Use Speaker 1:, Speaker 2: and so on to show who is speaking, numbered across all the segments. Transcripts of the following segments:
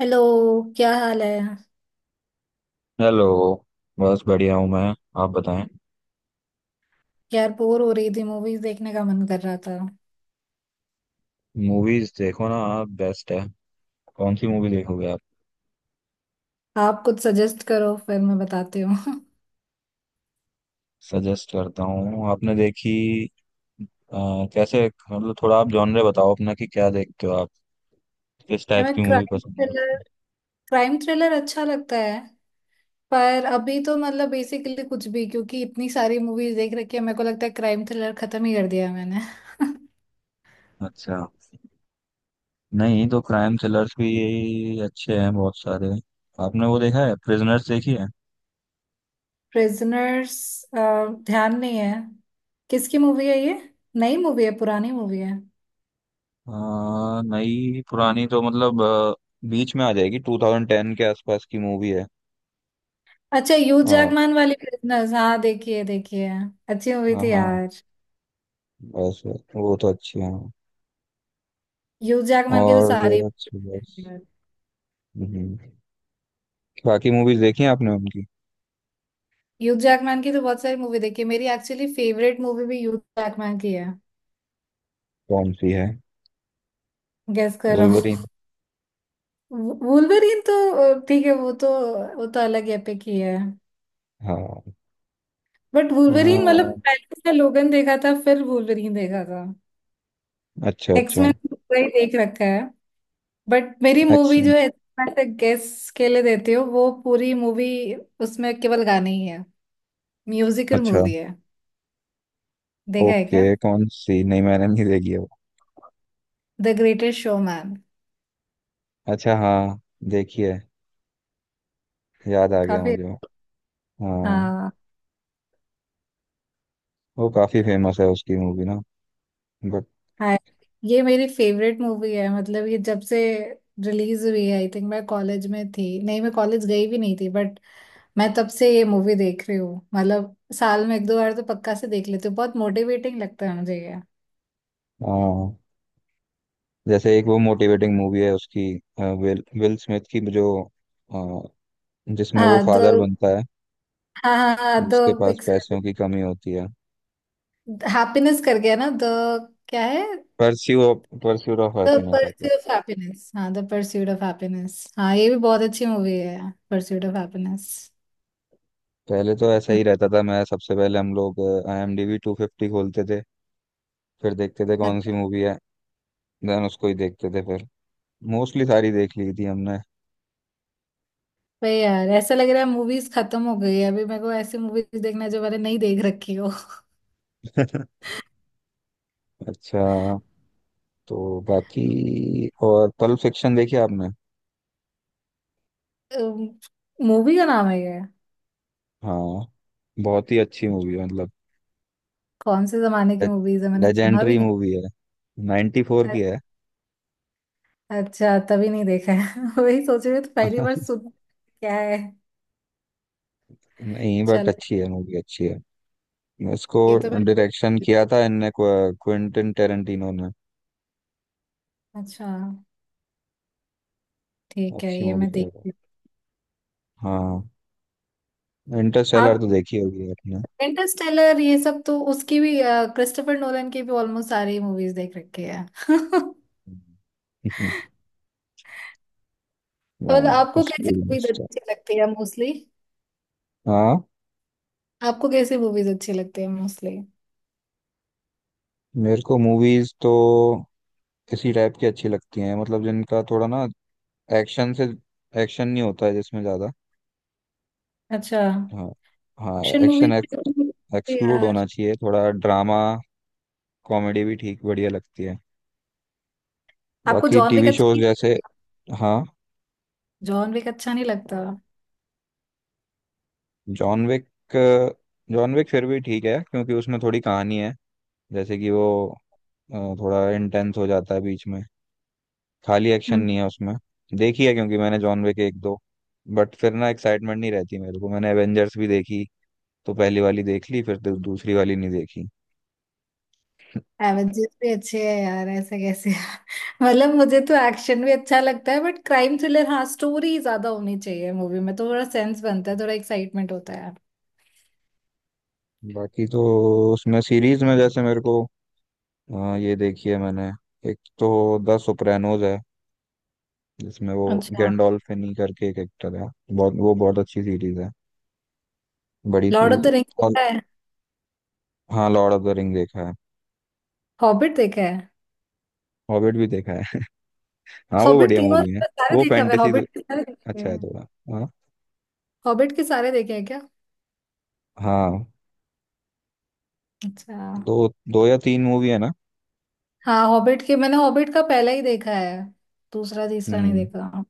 Speaker 1: Hello. क्या हाल है?
Speaker 2: हेलो। बस बढ़िया हूँ मैं। आप बताएं।
Speaker 1: यार, बोर हो रही थी, मूवीज देखने का मन कर रहा था।
Speaker 2: मूवीज देखो ना आप, बेस्ट है। कौन सी मूवी देखोगे आप?
Speaker 1: आप कुछ सजेस्ट करो फिर मैं बताती हूँ।
Speaker 2: सजेस्ट करता हूँ। आपने देखी? कैसे? मतलब थोड़ा आप जॉनरे बताओ अपना, कि क्या देखते हो आप। किस टाइप
Speaker 1: हमें
Speaker 2: की मूवी
Speaker 1: क्राइम
Speaker 2: पसंद है
Speaker 1: थ्रिलर,
Speaker 2: आपको?
Speaker 1: क्राइम थ्रिलर अच्छा लगता है। पर अभी तो मतलब बेसिकली कुछ भी, क्योंकि इतनी सारी मूवीज देख रखी है, मेरे को लगता है क्राइम थ्रिलर खत्म ही कर दिया है मैंने।
Speaker 2: अच्छा। नहीं तो क्राइम थ्रिलर्स भी यही अच्छे हैं, बहुत सारे। आपने वो देखा है, प्रिजनर्स देखी है?
Speaker 1: प्रिजनर्स? ध्यान नहीं है। किसकी मूवी है ये? नई मूवी है पुरानी मूवी है?
Speaker 2: अ, नई पुरानी तो मतलब बीच में आ जाएगी, 2010 के आसपास की मूवी है।
Speaker 1: अच्छा, यूज
Speaker 2: हाँ,
Speaker 1: जागमान वाली प्रिजनर्स, हाँ देखिए देखिए, अच्छी मूवी
Speaker 2: हाँ,
Speaker 1: थी
Speaker 2: हाँ।
Speaker 1: यार।
Speaker 2: बस बस, वो तो अच्छी है।
Speaker 1: ह्यूज जैकमैन के तो
Speaker 2: और
Speaker 1: सारे,
Speaker 2: बस बस। हम्म। बाकी मूवीज देखी हैं आपने उनकी?
Speaker 1: ह्यूज जैकमैन की तो बहुत सारी मूवी देखी है मेरी। एक्चुअली फेवरेट मूवी भी ह्यूज जैकमैन की है।
Speaker 2: कौन सी है?
Speaker 1: गेस कर रहा
Speaker 2: वुल्वरीन।
Speaker 1: हूँ। वुल्वरीन? तो ठीक है, वो तो, वो तो अलग एपिक ही है।
Speaker 2: हाँ,
Speaker 1: बट वुल्वरीन, मतलब
Speaker 2: हाँ।
Speaker 1: पहले उसने लोगन देखा था फिर वुल्वरीन देखा था।
Speaker 2: अच्छा, अच्छा।
Speaker 1: एक्समैन पूरा ही देख रखा है। बट मेरी मूवी
Speaker 2: एक्शन।
Speaker 1: जो है ऐसे गेस के लिए देती हो, वो पूरी मूवी उसमें केवल गाने ही है, म्यूजिकल
Speaker 2: अच्छा।
Speaker 1: मूवी है। देखा है
Speaker 2: ओके,
Speaker 1: क्या?
Speaker 2: कौन सी? नहीं मैंने नहीं देखी है वो।
Speaker 1: The greatest showman.
Speaker 2: अच्छा, हाँ। देखी है। याद आ गया
Speaker 1: काफी।
Speaker 2: मुझे वो। हाँ।
Speaker 1: हाँ।
Speaker 2: वो काफी फेमस है उसकी मूवी ना। बट।
Speaker 1: हाँ, ये मेरी फेवरेट मूवी है। मतलब ये जब से रिलीज हुई है, आई थिंक मैं कॉलेज में थी, नहीं मैं कॉलेज गई भी नहीं थी, बट मैं तब से ये मूवी देख रही हूँ। मतलब साल में एक दो बार तो पक्का से देख लेती हूँ, बहुत मोटिवेटिंग लगता है मुझे ये।
Speaker 2: हाँ। जैसे एक वो मोटिवेटिंग मूवी है उसकी। विल विल स्मिथ की जो अ, जिसमें वो
Speaker 1: हाँ तो,
Speaker 2: फादर बनता है,
Speaker 1: हाँ हाँ हाँ
Speaker 2: जिसके
Speaker 1: तो
Speaker 2: पास
Speaker 1: एक,
Speaker 2: पैसों की कमी होती है।
Speaker 1: हैप्पीनेस कर गया ना द, क्या है,
Speaker 2: pursue pursuit of
Speaker 1: the
Speaker 2: happiness होता है।
Speaker 1: परस्यूट ऑफ हैप्पीनेस, हाँ द परस्यूट ऑफ हैप्पीनेस, हाँ ये भी बहुत अच्छी मूवी है, परस्यूट ऑफ हैप्पीनेस।
Speaker 2: पहले तो ऐसा ही रहता था। मैं सबसे पहले हम लोग आईएमडीबी 250 खोलते थे, फिर देखते थे कौन सी मूवी है, देन उसको ही देखते थे। फिर मोस्टली सारी देख ली थी हमने।
Speaker 1: वही यार, ऐसा लग रहा है मूवीज खत्म हो गई है। अभी मेरे को ऐसी मूवीज देखना है जो मैंने नहीं देख रखी हो।
Speaker 2: अच्छा। तो बाकी और पल्प फिक्शन देखी आपने?
Speaker 1: मूवी का नाम है ये?
Speaker 2: हाँ, बहुत ही अच्छी मूवी है मतलब।
Speaker 1: कौन से जमाने की मूवीज है, मैंने सुना
Speaker 2: लेजेंडरी
Speaker 1: भी
Speaker 2: मूवी है। 94
Speaker 1: नहीं।
Speaker 2: की है।
Speaker 1: अच्छा, तभी नहीं देखा है। वही सोच रही हूँ तो पहली बार सुन, क्या है?
Speaker 2: नहीं बट
Speaker 1: चलो,
Speaker 2: अच्छी है, मूवी अच्छी है। इसको
Speaker 1: ये तो मैं,
Speaker 2: डायरेक्शन किया था इनने, क्विंटन टेरेंटिनो ने।
Speaker 1: अच्छा ठीक है,
Speaker 2: अच्छी
Speaker 1: ये
Speaker 2: मूवी
Speaker 1: मैं
Speaker 2: है वो।
Speaker 1: देखती
Speaker 2: हाँ।
Speaker 1: हूँ
Speaker 2: इंटरस्टेलर
Speaker 1: आप।
Speaker 2: तो देखी होगी आपने।
Speaker 1: इंटरस्टेलर? ये सब तो उसकी भी, क्रिस्टोफर नोलन की भी ऑलमोस्ट सारी मूवीज देख रखी है।
Speaker 2: हम्म।
Speaker 1: मतलब
Speaker 2: हाँ
Speaker 1: आपको
Speaker 2: उसकी
Speaker 1: कैसी मूवीज
Speaker 2: भी-
Speaker 1: अच्छी लगती है मोस्टली?
Speaker 2: हाँ,
Speaker 1: आपको कैसी मूवीज अच्छी लगती है मोस्टली?
Speaker 2: मेरे को मूवीज तो इसी टाइप की अच्छी लगती हैं, मतलब जिनका थोड़ा ना एक्शन से एक्शन नहीं होता है जिसमें ज्यादा।
Speaker 1: अच्छा।
Speaker 2: हाँ। हाँ,
Speaker 1: एक्शन मूवी?
Speaker 2: एक्शन एक्सक्लूड
Speaker 1: यार,
Speaker 2: होना चाहिए, थोड़ा ड्रामा कॉमेडी भी ठीक बढ़िया लगती है।
Speaker 1: आपको
Speaker 2: बाकी
Speaker 1: जॉन विक
Speaker 2: टीवी
Speaker 1: अच्छा
Speaker 2: शोज
Speaker 1: नहीं
Speaker 2: जैसे।
Speaker 1: लगता?
Speaker 2: हाँ।
Speaker 1: जॉन विक अच्छा नहीं लगता?
Speaker 2: John Wick. जॉन विक फिर भी ठीक है, क्योंकि उसमें थोड़ी कहानी है। जैसे कि वो थोड़ा इंटेंस हो जाता है बीच में, खाली एक्शन नहीं
Speaker 1: हम्म।
Speaker 2: है उसमें। देखी है क्योंकि मैंने जॉन विक एक दो। बट फिर ना एक्साइटमेंट नहीं रहती मेरे को। मैंने एवेंजर्स भी देखी, तो पहली वाली देख ली, फिर दूसरी वाली नहीं देखी।
Speaker 1: एवेंजर्स भी अच्छे है यार, ऐसे कैसे। मतलब मुझे तो एक्शन भी अच्छा लगता है, बट क्राइम थ्रिलर हाँ, स्टोरी ज्यादा होनी चाहिए मूवी में, तो थोड़ा सेंस बनता है, थोड़ा एक्साइटमेंट होता है।
Speaker 2: बाकी तो उसमें सीरीज में जैसे मेरे को ये देखी है मैंने। एक तो द सोप्रानोज है, जिसमें वो
Speaker 1: अच्छा।
Speaker 2: गैंडोल्फिनी करके एक एक्टर है, बहुत वो बहुत अच्छी सीरीज है। बड़ी
Speaker 1: Lord of
Speaker 2: series.
Speaker 1: The Rings देखा है?
Speaker 2: हाँ, लॉर्ड ऑफ द रिंग देखा है।
Speaker 1: हॉबिट देखा है?
Speaker 2: हॉबिट भी देखा है। हाँ, वो
Speaker 1: हॉबिट
Speaker 2: बढ़िया
Speaker 1: तीनों
Speaker 2: मूवी है।
Speaker 1: सारे
Speaker 2: वो
Speaker 1: देखा हुआ है,
Speaker 2: फैंटेसी तो
Speaker 1: हॉबिट के सारे देखे
Speaker 2: अच्छा है
Speaker 1: हैं।
Speaker 2: थोड़ा। हाँ।
Speaker 1: हॉबिट के सारे देखे हैं क्या?
Speaker 2: हाँ। दो
Speaker 1: अच्छा।
Speaker 2: दो या तीन मूवी है ना।
Speaker 1: हाँ, हॉबिट के मैंने हॉबिट का पहला ही देखा है, दूसरा तीसरा नहीं
Speaker 2: हम्म।
Speaker 1: देखा।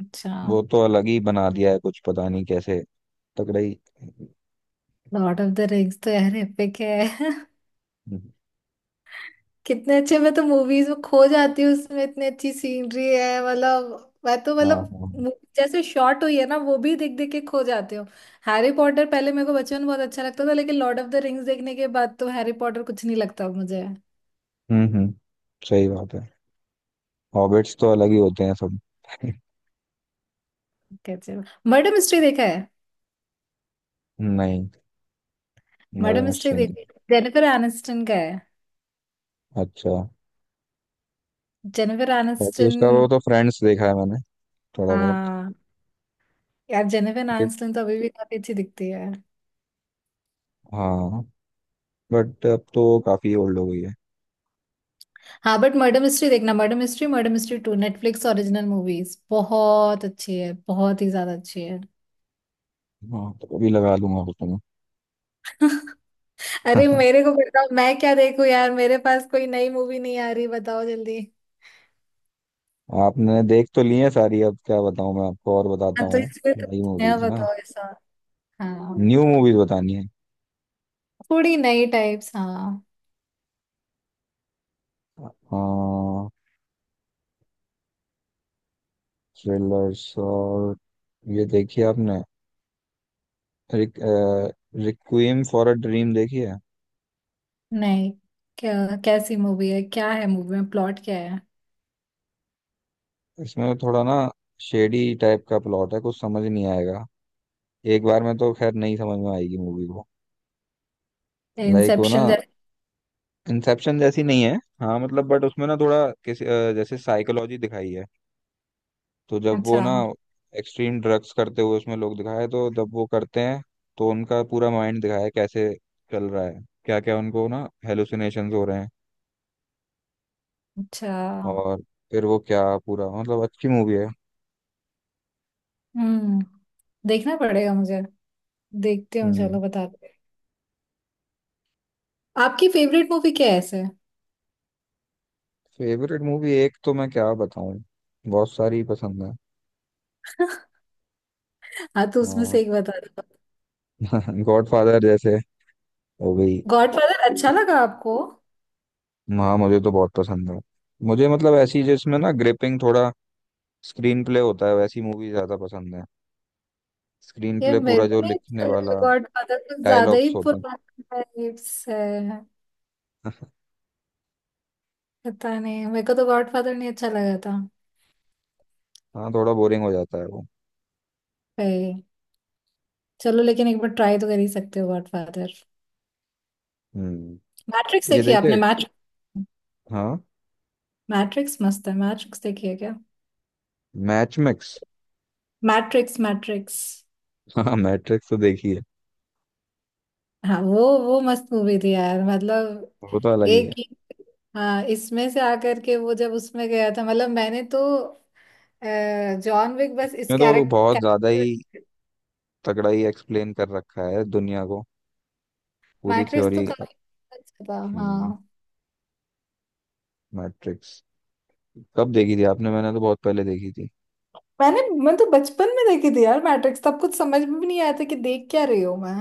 Speaker 1: अच्छा।
Speaker 2: वो तो अलग ही बना दिया है, कुछ पता नहीं कैसे। तगड़ा ही।
Speaker 1: लॉर्ड ऑफ द रिंग्स तो यार एपिक है।
Speaker 2: हाँ।
Speaker 1: कितने अच्छे, मैं तो मूवीज में खो जाती हूँ, उसमें इतनी अच्छी सीनरी है। मतलब मैं तो, मतलब
Speaker 2: हाँ।
Speaker 1: movie जैसे शॉर्ट हुई है ना, वो भी देख देख के खो जाती हूँ। हैरी पॉटर पहले मेरे को बचपन में बहुत अच्छा लगता था, लेकिन लॉर्ड ऑफ द रिंग्स देखने के बाद तो हैरी पॉटर कुछ नहीं लगता अब मुझे।
Speaker 2: हम्म, हम्म, सही बात है। हॉबिट्स तो अलग ही होते हैं सब।
Speaker 1: कैसे? मर्डर मिस्ट्री देखा है?
Speaker 2: नहीं।
Speaker 1: मर्डर
Speaker 2: मदर
Speaker 1: मिस्ट्री
Speaker 2: मिस्ट्री नहीं।
Speaker 1: देखा? जेनिफर एनिस्टन का है,
Speaker 2: अच्छा।
Speaker 1: जेनिफर
Speaker 2: बाकी
Speaker 1: एनिस्टन।
Speaker 2: उसका वो तो फ्रेंड्स देखा है मैंने, थोड़ा बहुत।
Speaker 1: यार जेनिफर
Speaker 2: ये-
Speaker 1: आनिस्टन तो अभी भी काफी अच्छी दिखती है।
Speaker 2: हाँ। बट अब तो वो काफी ओल्ड हो गई है।
Speaker 1: हाँ, बट मर्डर मिस्ट्री देखना, murder mystery, murder mystery two, Netflix original movies, बहुत अच्छी है, बहुत ही ज्यादा अच्छी है।
Speaker 2: हाँ, तो अभी लगा दूंगा उसको।
Speaker 1: अरे
Speaker 2: मैं।
Speaker 1: मेरे को बताओ मैं क्या देखूं यार, मेरे पास कोई नई मूवी नहीं आ रही, बताओ जल्दी।
Speaker 2: आपने देख तो ली है सारी, अब क्या बताऊं मैं आपको? और बताता
Speaker 1: हाँ तो
Speaker 2: हूँ।
Speaker 1: इसलिए तो
Speaker 2: नई
Speaker 1: कुछ नया
Speaker 2: मूवीज ना?
Speaker 1: बताओ ऐसा। हाँ,
Speaker 2: न्यू मूवीज बतानी है।
Speaker 1: थोड़ी नई टाइप्स हाँ।
Speaker 2: थ्रिलर्स और ये देखी है आपने, रिक, रिक्विएम फॉर अ ड्रीम देखी है?
Speaker 1: नहीं। क्या? कैसी मूवी है, क्या है मूवी में, प्लॉट क्या है?
Speaker 2: इसमें तो थोड़ा ना शेडी टाइप का प्लॉट है, कुछ समझ नहीं आएगा। एक बार में तो खैर नहीं समझ में आएगी मूवी को। लाइक वो ना,
Speaker 1: इंसेप्शन जैसे?
Speaker 2: इंसेप्शन जैसी नहीं है। हाँ मतलब बट उसमें ना थोड़ा किसी जैसे साइकोलॉजी दिखाई है। तो जब वो
Speaker 1: अच्छा।
Speaker 2: ना एक्सट्रीम ड्रग्स करते हुए उसमें लोग दिखाए, तो जब वो करते हैं, तो उनका पूरा माइंड दिखाया है कैसे चल रहा है, क्या क्या उनको ना हेलुसिनेशंस हो रहे हैं।
Speaker 1: अच्छा।
Speaker 2: और फिर वो क्या पूरा, मतलब अच्छी मूवी है।
Speaker 1: हम्म। देखना पड़ेगा मुझे, देखते हैं,
Speaker 2: हम्म।
Speaker 1: चलो बताते हैं। आपकी फेवरेट मूवी क्या है ऐसे?
Speaker 2: फेवरेट मूवी, एक तो मैं क्या बताऊं, बहुत सारी पसंद है।
Speaker 1: हाँ तो उसमें
Speaker 2: हाँ।
Speaker 1: से एक बता दो।
Speaker 2: गॉडफादर जैसे हो गई।
Speaker 1: गॉडफादर अच्छा लगा आपको?
Speaker 2: हाँ मुझे तो बहुत पसंद है। मुझे मतलब ऐसी जिसमें ना ग्रिपिंग थोड़ा स्क्रीन प्ले होता है, वैसी मूवी ज्यादा पसंद है। स्क्रीन
Speaker 1: ये
Speaker 2: प्ले
Speaker 1: मेरे
Speaker 2: पूरा, जो
Speaker 1: को नहीं
Speaker 2: लिखने
Speaker 1: अच्छा लगा
Speaker 2: वाला
Speaker 1: गॉडफादर, कुछ ज्यादा ही
Speaker 2: डायलॉग्स होते हैं।
Speaker 1: पुराना टाइप्स है। पता नहीं, मेरे को तो गॉडफादर नहीं अच्छा लगा था।
Speaker 2: हाँ, थोड़ा बोरिंग हो जाता है वो।
Speaker 1: भाई, चलो लेकिन एक बार ट्राई तो कर ही सकते हो गॉडफादर।
Speaker 2: हम्म।
Speaker 1: मैट्रिक्स
Speaker 2: ये
Speaker 1: देखी आपने?
Speaker 2: देखिए।
Speaker 1: मैट्रिक्स,
Speaker 2: हाँ।
Speaker 1: मैट्रिक्स मस्त है, मैट्रिक्स देखी है क्या?
Speaker 2: Match mix.
Speaker 1: Matrix, Matrix.
Speaker 2: हाँ, मैट्रिक्स तो देखी है।
Speaker 1: हाँ, वो मस्त मूवी थी यार, मतलब
Speaker 2: वो तो अलग ही
Speaker 1: एक
Speaker 2: है।
Speaker 1: ही। हाँ, इसमें से आकर के वो जब उसमें गया था, मतलब मैंने तो, अ, जॉन विक बस इस
Speaker 2: इसमें तो वो बहुत
Speaker 1: कैरेक्टर।
Speaker 2: ज्यादा ही तगड़ा ही एक्सप्लेन कर रखा है दुनिया को, पूरी
Speaker 1: मैट्रिक्स
Speaker 2: थ्योरी।
Speaker 1: तो काफी अच्छा था
Speaker 2: हम्म।
Speaker 1: हाँ।
Speaker 2: मैट्रिक्स कब देखी थी आपने? मैंने तो बहुत पहले देखी थी।
Speaker 1: मैंने, मैं तो बचपन में देखी थी यार मैट्रिक्स, तब कुछ समझ में भी नहीं आया था कि देख क्या रही हूँ मैं।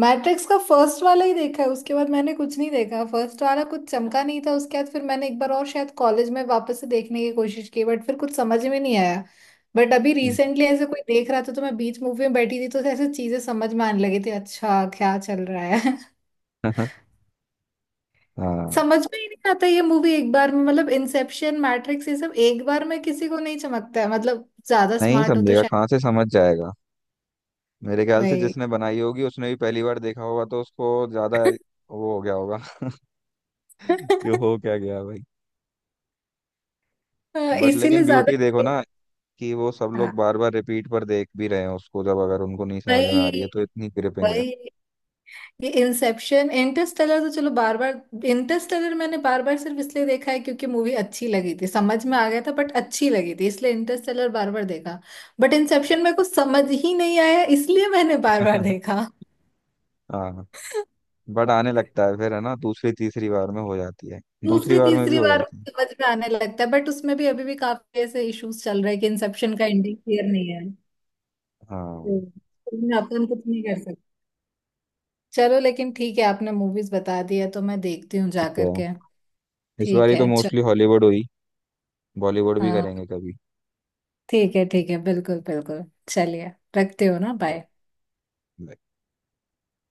Speaker 1: मैट्रिक्स का फर्स्ट वाला ही देखा है, उसके बाद मैंने कुछ नहीं देखा। फर्स्ट वाला कुछ चमका नहीं था, उसके बाद फिर मैंने एक बार और शायद कॉलेज में वापस से देखने की कोशिश की, बट फिर कुछ समझ में नहीं आया। बट अभी
Speaker 2: हम्म।
Speaker 1: रिसेंटली ऐसे कोई देख रहा था तो मैं बीच मूवी में बैठी थी, तो ऐसे चीजें समझ में आने लगी थी, अच्छा क्या चल रहा है।
Speaker 2: हाँ।
Speaker 1: समझ में ही नहीं आता ये मूवी एक बार में, मतलब इंसेप्शन, मैट्रिक्स, ये सब एक बार में किसी को नहीं चमकता है। मतलब ज्यादा
Speaker 2: नहीं
Speaker 1: स्मार्ट हो तो
Speaker 2: समझेगा,
Speaker 1: शायद।
Speaker 2: कहाँ से समझ जाएगा। मेरे ख्याल से
Speaker 1: भाई।
Speaker 2: जिसने बनाई होगी उसने भी पहली बार देखा होगा, तो उसको ज्यादा वो हो गया होगा। कि हो क्या गया भाई।
Speaker 1: हाँ,
Speaker 2: बट
Speaker 1: इसीलिए
Speaker 2: लेकिन
Speaker 1: ज्यादा।
Speaker 2: ब्यूटी देखो ना, कि वो सब लोग
Speaker 1: हाँ,
Speaker 2: बार बार रिपीट पर देख भी रहे हैं उसको, जब अगर उनको नहीं समझ में आ रही है, तो
Speaker 1: वही,
Speaker 2: इतनी ग्रिपिंग है।
Speaker 1: वही। ये इंसेप्शन इंटरस्टेलर तो चलो, बार बार इंटरस्टेलर मैंने बार बार सिर्फ इसलिए देखा है क्योंकि मूवी अच्छी लगी थी, समझ में आ गया था बट अच्छी लगी थी, इसलिए इंटरस्टेलर बार बार देखा। बट इंसेप्शन मेरे को समझ ही नहीं आया इसलिए मैंने बार बार देखा।
Speaker 2: हाँ। बट आने लगता है फिर है ना, दूसरी तीसरी बार में हो जाती है। दूसरी
Speaker 1: दूसरी
Speaker 2: बार में भी
Speaker 1: तीसरी
Speaker 2: हो
Speaker 1: बार
Speaker 2: जाती है।
Speaker 1: समझ में आने लगता है, बट उसमें भी अभी भी काफी ऐसे इश्यूज चल रहे हैं कि इंसेप्शन का एंडिंग क्लियर नहीं है। तो
Speaker 2: हाँ।
Speaker 1: उसमें अपन कुछ नहीं कर। चलो लेकिन ठीक है, आपने मूवीज बता दिया तो मैं देखती हूँ जा
Speaker 2: ठीक है।
Speaker 1: करके।
Speaker 2: इस बार
Speaker 1: ठीक
Speaker 2: ही तो
Speaker 1: है चल।
Speaker 2: मोस्टली हॉलीवुड हुई, बॉलीवुड भी
Speaker 1: हाँ,
Speaker 2: करेंगे
Speaker 1: ठीक है ठीक है, बिल्कुल बिल्कुल। चलिए, रखते हो ना,
Speaker 2: कभी।
Speaker 1: बाय।